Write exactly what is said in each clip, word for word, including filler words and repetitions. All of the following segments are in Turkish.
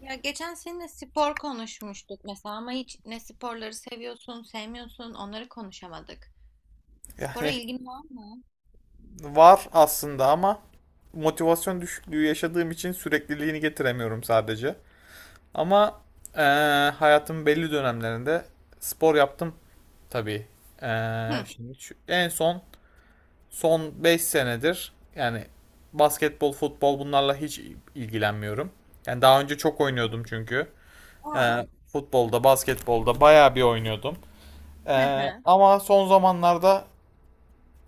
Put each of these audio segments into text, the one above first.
Ya geçen seninle spor konuşmuştuk mesela ama hiç ne sporları seviyorsun, sevmiyorsun onları konuşamadık. Spora Yani ilgin var mı? var aslında ama motivasyon düşüklüğü yaşadığım için sürekliliğini getiremiyorum sadece. Ama eee hayatımın belli dönemlerinde spor yaptım tabii. Eee, Hı. Şimdi şu- en son son beş senedir yani basketbol, futbol bunlarla hiç ilgilenmiyorum. Yani daha önce çok oynuyordum çünkü. Aa. Eee, Futbolda, basketbolda bayağı bir oynuyordum. Hı Eee, hı. Ama son zamanlarda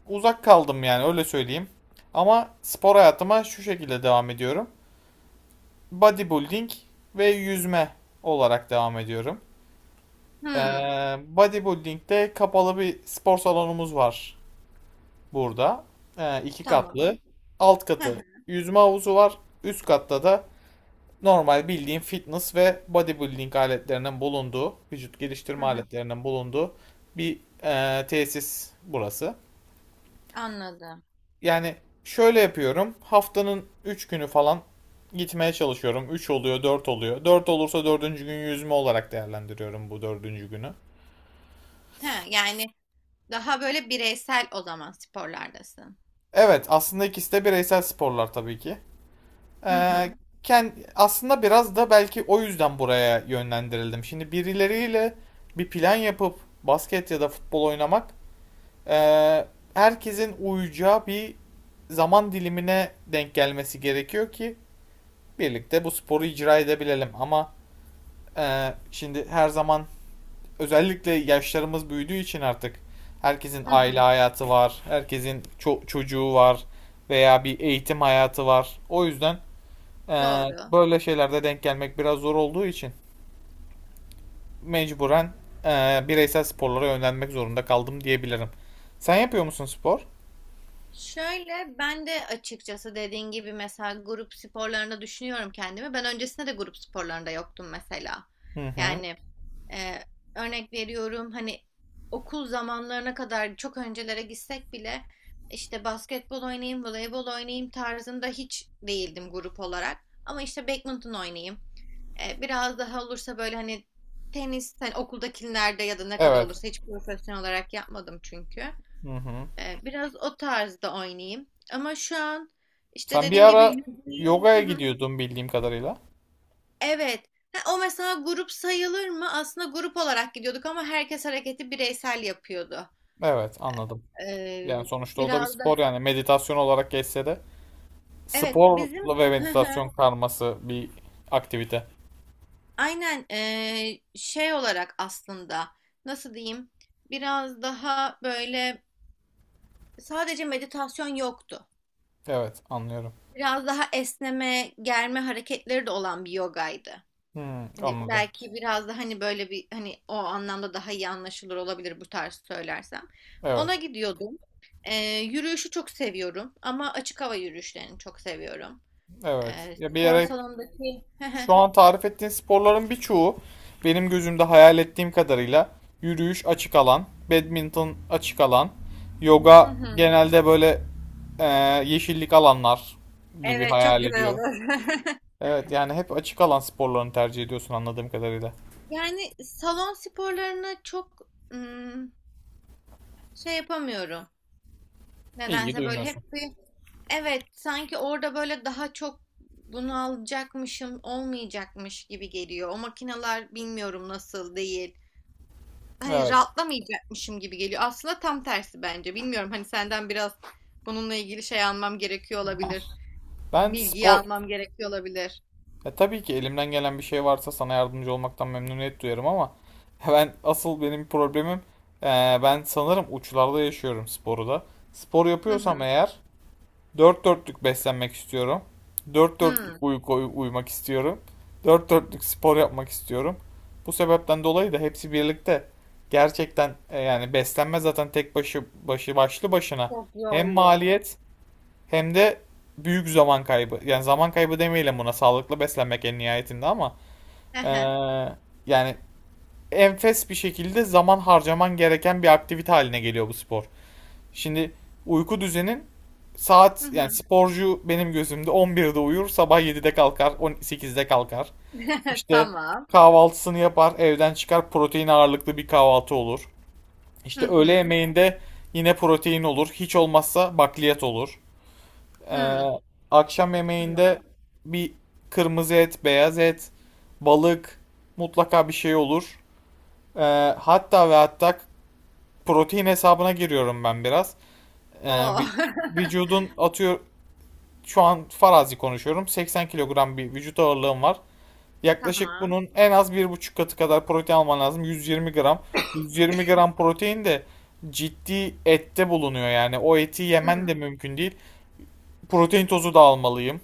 uzak kaldım yani öyle söyleyeyim. Ama spor hayatıma şu şekilde devam ediyorum. Bodybuilding ve yüzme olarak devam ediyorum. Ee, Hı. Bodybuilding'de kapalı bir spor salonumuz var burada. Ee, iki katlı. Tamam. Alt Hı katı hı. yüzme havuzu var. Üst katta da normal bildiğin fitness ve bodybuilding aletlerinin bulunduğu, vücut Hı geliştirme hı. aletlerinin bulunduğu bir e, tesis burası. Anladım. Yani şöyle yapıyorum. Haftanın üç günü falan gitmeye çalışıyorum. Üç oluyor, dört oluyor. Dört olursa dördüncü gün yüzme olarak değerlendiriyorum bu dördüncü günü. He, yani daha böyle bireysel o zaman sporlardasın. Evet, aslında ikisi de bireysel sporlar tabii ki. Hı Ee, hı. Kend, aslında biraz da belki o yüzden buraya yönlendirildim. Şimdi birileriyle bir plan yapıp basket ya da futbol oynamak, ee, herkesin uyacağı bir zaman dilimine denk gelmesi gerekiyor ki birlikte bu sporu icra edebilelim. Ama Ee, şimdi her zaman özellikle yaşlarımız büyüdüğü için artık herkesin Hı aile hı. hayatı var, herkesin ço- çocuğu var veya bir eğitim hayatı var. O yüzden ee, Doğru. böyle şeylerde denk gelmek biraz zor olduğu için mecburen ee, bireysel sporlara yönlenmek zorunda kaldım diyebilirim. Sen yapıyor musun spor? Şöyle ben de açıkçası dediğin gibi mesela grup sporlarında düşünüyorum kendimi. Ben öncesinde de grup sporlarında yoktum mesela. Hı hı. Yani e, örnek veriyorum hani okul zamanlarına kadar çok öncelere gitsek bile işte basketbol oynayayım, voleybol oynayayım tarzında hiç değildim grup olarak. Ama işte badminton oynayayım. E, biraz daha olursa böyle hani tenis hani okuldakilerde ya da ne kadar Evet. olursa hiç profesyonel olarak yapmadım çünkü. Hı hı. Ee, biraz o tarzda oynayayım. Ama şu an işte Sen bir dediğin gibi ara yüzmeyi... yogaya Hı hı. gidiyordun bildiğim kadarıyla. Evet. Ha, o mesela grup sayılır mı? Aslında grup olarak gidiyorduk ama herkes hareketi bireysel yapıyordu. Evet, anladım. Yani Ee, sonuçta o da bir Biraz da... spor yani meditasyon olarak geçse de. Evet bizim... Sporla ve Hı hı. meditasyon karması bir aktivite. Aynen ee, şey olarak aslında nasıl diyeyim? Biraz daha böyle sadece meditasyon yoktu. Evet, anlıyorum. Biraz daha esneme, germe hareketleri de olan bir yogaydı. Hmm, Hani anladım. belki biraz da hani böyle bir hani o anlamda daha iyi anlaşılır olabilir bu tarz söylersem. Ona Evet, gidiyordum. Ee, yürüyüşü çok seviyorum ama açık hava yürüyüşlerini çok seviyorum. evet. Ee, Ya bir Spor yere salonundaki Şu an tarif ettiğin sporların birçoğu benim gözümde hayal ettiğim kadarıyla yürüyüş açık alan, badminton açık alan, Hı yoga hı. genelde böyle e, yeşillik alanlar gibi Evet çok hayal güzel ediyorum. olur. Evet, yani hep açık alan sporlarını tercih ediyorsun anladığım kadarıyla. Yani salon sporlarını çok ım, şey yapamıyorum. İlgi Nedense böyle duymuyorsun. hep bir evet, sanki orada böyle daha çok bunu alacakmışım olmayacakmış gibi geliyor. O makineler bilmiyorum nasıl değil. Hani Evet. rahatlamayacakmışım gibi geliyor. Aslında tam tersi bence. Bilmiyorum hani senden biraz bununla ilgili şey almam gerekiyor olabilir. Ben Bilgiyi spor almam gerekiyor olabilir. Ya tabii ki elimden gelen bir şey varsa sana yardımcı olmaktan memnuniyet duyarım ama ben asıl benim problemim eee, ben sanırım uçlarda yaşıyorum sporu da. Spor Hı yapıyorsam hı. eğer dört dörtlük beslenmek istiyorum. Dört dörtlük Hı. uyku uyumak istiyorum. Dört dörtlük spor yapmak istiyorum. Bu sebepten dolayı da hepsi birlikte gerçekten e, yani beslenme zaten tek başı başı başlı başına Çok hem zorlu. maliyet hem de büyük zaman kaybı. Yani zaman kaybı demeyelim buna. Sağlıklı beslenmek en nihayetinde ama Hı eee, hı. yani enfes bir şekilde zaman harcaman gereken bir aktivite haline geliyor bu spor. Şimdi uyku düzenin saat Hı yani hı. sporcu benim gözümde on birde uyur, sabah yedide kalkar, on sekizde kalkar. İşte Tamam. kahvaltısını yapar, evden çıkar, protein ağırlıklı bir kahvaltı olur. Hı İşte öğle hı. yemeğinde yine protein olur, hiç olmazsa bakliyat olur. Ee, Hı. Akşam yemeğinde Tamam. bir kırmızı et, beyaz et, balık mutlaka bir şey olur. Ee, Hatta ve hatta protein hesabına giriyorum ben biraz. Ee, O. vü- Vücudun atıyor şu an farazi konuşuyorum. seksen kilogram bir vücut ağırlığım var. Yaklaşık Tamam. bunun en az bir buçuk katı kadar protein alman lazım. yüz yirmi gram. yüz yirmi gram protein de ciddi ette bulunuyor yani. O eti yemen de Hı. mümkün değil. Protein tozu da almalıyım.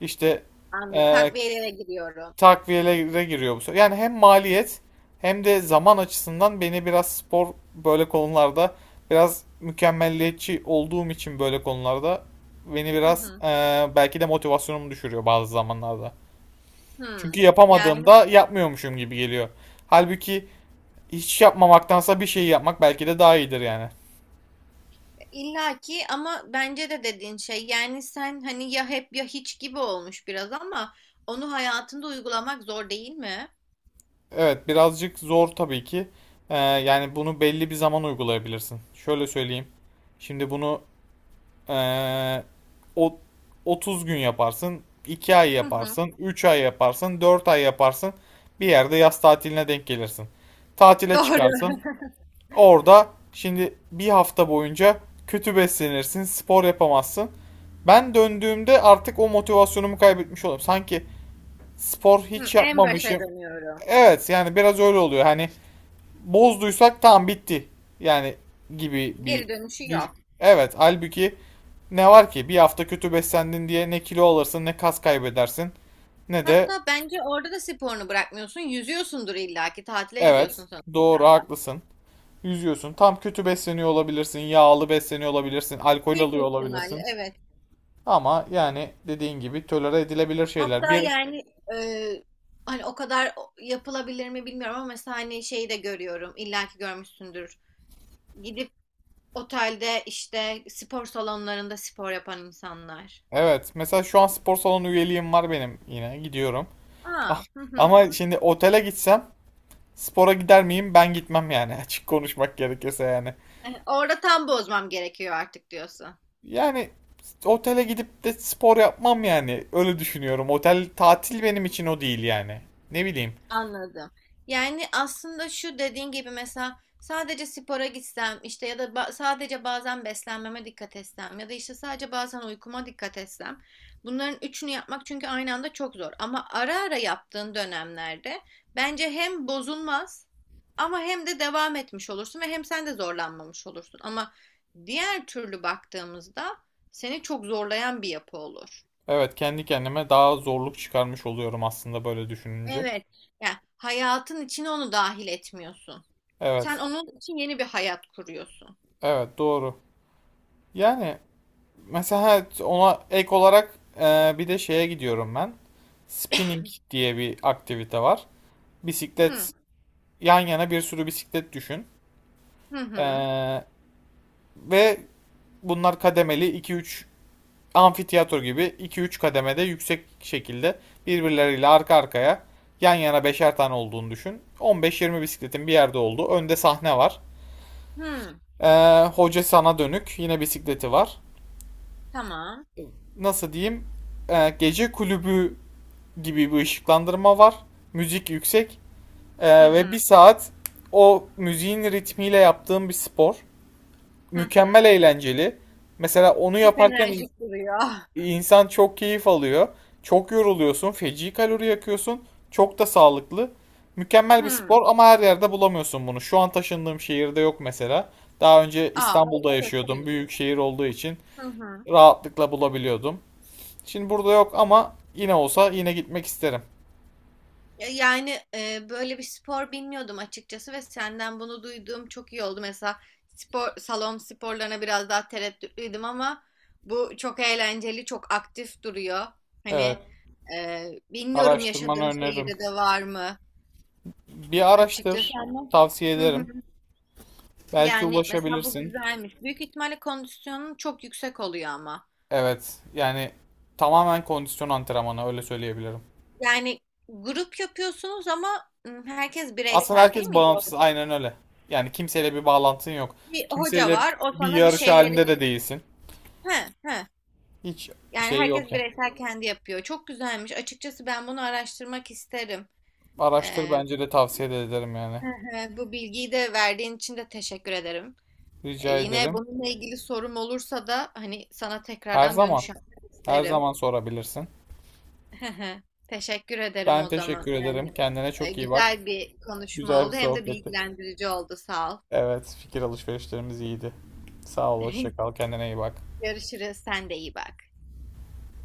İşte Anladım. eee Takviyelere giriyorum. takviyelere giriyor bu sefer. Yani hem maliyet hem de zaman açısından beni biraz spor böyle konularda biraz mükemmelliyetçi olduğum için böyle konularda beni Hı biraz hı. eee, belki de motivasyonumu düşürüyor bazı zamanlarda. Hı. Çünkü Yani yapamadığımda yapmıyormuşum gibi geliyor. Halbuki hiç yapmamaktansa bir şey yapmak belki de daha iyidir yani. illaki ama bence de dediğin şey yani sen hani ya hep ya hiç gibi olmuş biraz ama onu hayatında uygulamak zor değil mi? Evet birazcık zor tabii ki. Eee, yani bunu belli bir zaman uygulayabilirsin. Şöyle söyleyeyim. Şimdi bunu Ee, O otuz gün yaparsın, iki ay Hı hı. yaparsın, üç ay yaparsın, dört ay yaparsın. Bir yerde yaz tatiline denk gelirsin. Tatile Doğru. çıkarsın. Orada şimdi bir hafta boyunca kötü beslenirsin, spor yapamazsın. Ben döndüğümde artık o motivasyonumu kaybetmiş olurum. Sanki spor Hı, hiç en başa yapmamışım. dönüyorum. Evet yani biraz öyle oluyor. Hani bozduysak tam bitti. Yani gibi bir Geri dönüşü düş. yok. Evet, halbuki ne var ki? Bir hafta kötü beslendin diye ne kilo alırsın, ne kas kaybedersin, ne de Hatta bence orada da sporunu bırakmıyorsun. Yüzüyorsundur illaki. Tatile evet, gidiyorsun doğru sonuçta. haklısın. Yüzüyorsun. Tam kötü besleniyor olabilirsin, yağlı besleniyor olabilirsin, alkol Büyük alıyor ihtimalle olabilirsin. evet. Ama yani dediğin gibi tolere edilebilir şeyler. Hatta Bir yani e, hani o kadar o- yapılabilir mi bilmiyorum ama mesela hani şeyi de görüyorum. İlla ki görmüşsündür. Gidip otelde işte spor salonlarında spor yapan insanlar. Evet, mesela şu an spor salonu üyeliğim var benim yine gidiyorum. Ah, Aa, hı hı. ama şimdi otele gitsem spora gider miyim? Ben gitmem yani. Açık konuşmak gerekirse yani. E, orada tam bozmam gerekiyor artık diyorsun. Yani otele gidip de spor yapmam yani. Öyle düşünüyorum. Otel tatil benim için o değil yani. Ne bileyim. Anladım. Yani aslında şu dediğin gibi mesela sadece spora gitsem işte ya da ba- sadece bazen beslenmeme dikkat etsem ya da işte sadece bazen uykuma dikkat etsem bunların üçünü yapmak çünkü aynı anda çok zor, ama ara ara yaptığın dönemlerde bence hem bozulmaz ama hem de devam etmiş olursun ve hem sen de zorlanmamış olursun, ama diğer türlü baktığımızda seni çok zorlayan bir yapı olur. Evet, kendi kendime daha zorluk çıkarmış oluyorum aslında böyle düşününce. Evet. Yani hayatın içine onu dahil etmiyorsun. Sen Evet. onun için yeni bir hayat kuruyorsun. Evet, doğru. Yani mesela evet, ona ek olarak e, bir de şeye gidiyorum ben. Spinning diye bir aktivite var. Hı Bisiklet yan yana bir sürü bisiklet düşün. hı hı. Ee, ve Bunlar kademeli iki üç amfiteyatro gibi iki üç kademede yüksek şekilde birbirleriyle arka arkaya yan yana beşer tane olduğunu düşün. on beş yirmi bisikletin bir yerde olduğu önde sahne var. Hı. Ee, hoca sana dönük yine bisikleti var. Tamam. Nasıl diyeyim? Ee, gece kulübü gibi bir ışıklandırma var. Müzik yüksek. Hı Ee, ve Bir hı. saat o müziğin ritmiyle yaptığım bir spor. Hı hı. Mükemmel eğlenceli. Mesela onu Çok yaparken enerjik duruyor. İnsan çok keyif alıyor. Çok yoruluyorsun. Feci kalori yakıyorsun. Çok da sağlıklı. Mükemmel bir Hı. spor ama her yerde bulamıyorsun bunu. Şu an taşındığım şehirde yok mesela. Daha önce Aa, İstanbul'da o yaşıyordum. Büyük kötüymüş. şehir olduğu için Hı hı. rahatlıkla bulabiliyordum. Şimdi burada yok ama yine olsa yine gitmek isterim. Ya- Yani e, böyle bir spor bilmiyordum açıkçası ve senden bunu duyduğum çok iyi oldu. Mesela spor salon sporlarına biraz daha tereddütlüydüm ama bu çok eğlenceli, çok aktif duruyor. Hani Evet. e, bilmiyorum Araştırmanı yaşadığım öneririm. şehirde de var mı Bir açıkçası araştır. ama. Tavsiye Hı ederim. hı. Belki Yani mesela bu ulaşabilirsin. güzelmiş. Büyük ihtimalle kondisyonun çok yüksek oluyor ama. Evet. Yani tamamen kondisyon antrenmanı öyle söyleyebilirim. Yani grup yapıyorsunuz ama ım, herkes Aslında bireysel değil herkes mi? bağımsız, Doğru. aynen öyle. Yani kimseyle bir bağlantın yok. Bir hoca Kimseyle var, o bir sana bir yarış şeyleri... halinde de değilsin. He, he. Hiç Yani şey yok herkes ya. bireysel kendi yapıyor. Çok güzelmiş. Açıkçası ben bunu araştırmak isterim. Araştır Ee, bence de tavsiye de ederim yani. hı hı, bu bilgiyi de verdiğin için de teşekkür ederim. Ee, Rica Yine ederim. bununla ilgili sorum olursa da hani sana Her tekrardan dönüş zaman, yapmak her isterim. zaman sorabilirsin. Hı hı. Teşekkür ederim Ben o zaman. teşekkür ederim. Yani Kendine e, çok iyi bak. güzel bir konuşma Güzel bir oldu hem de sohbetti. bilgilendirici oldu. Sağ ol. Evet, fikir alışverişlerimiz iyiydi. Sağ ol, hoşça kal. Kendine iyi bak. Görüşürüz. Sen de iyi bak.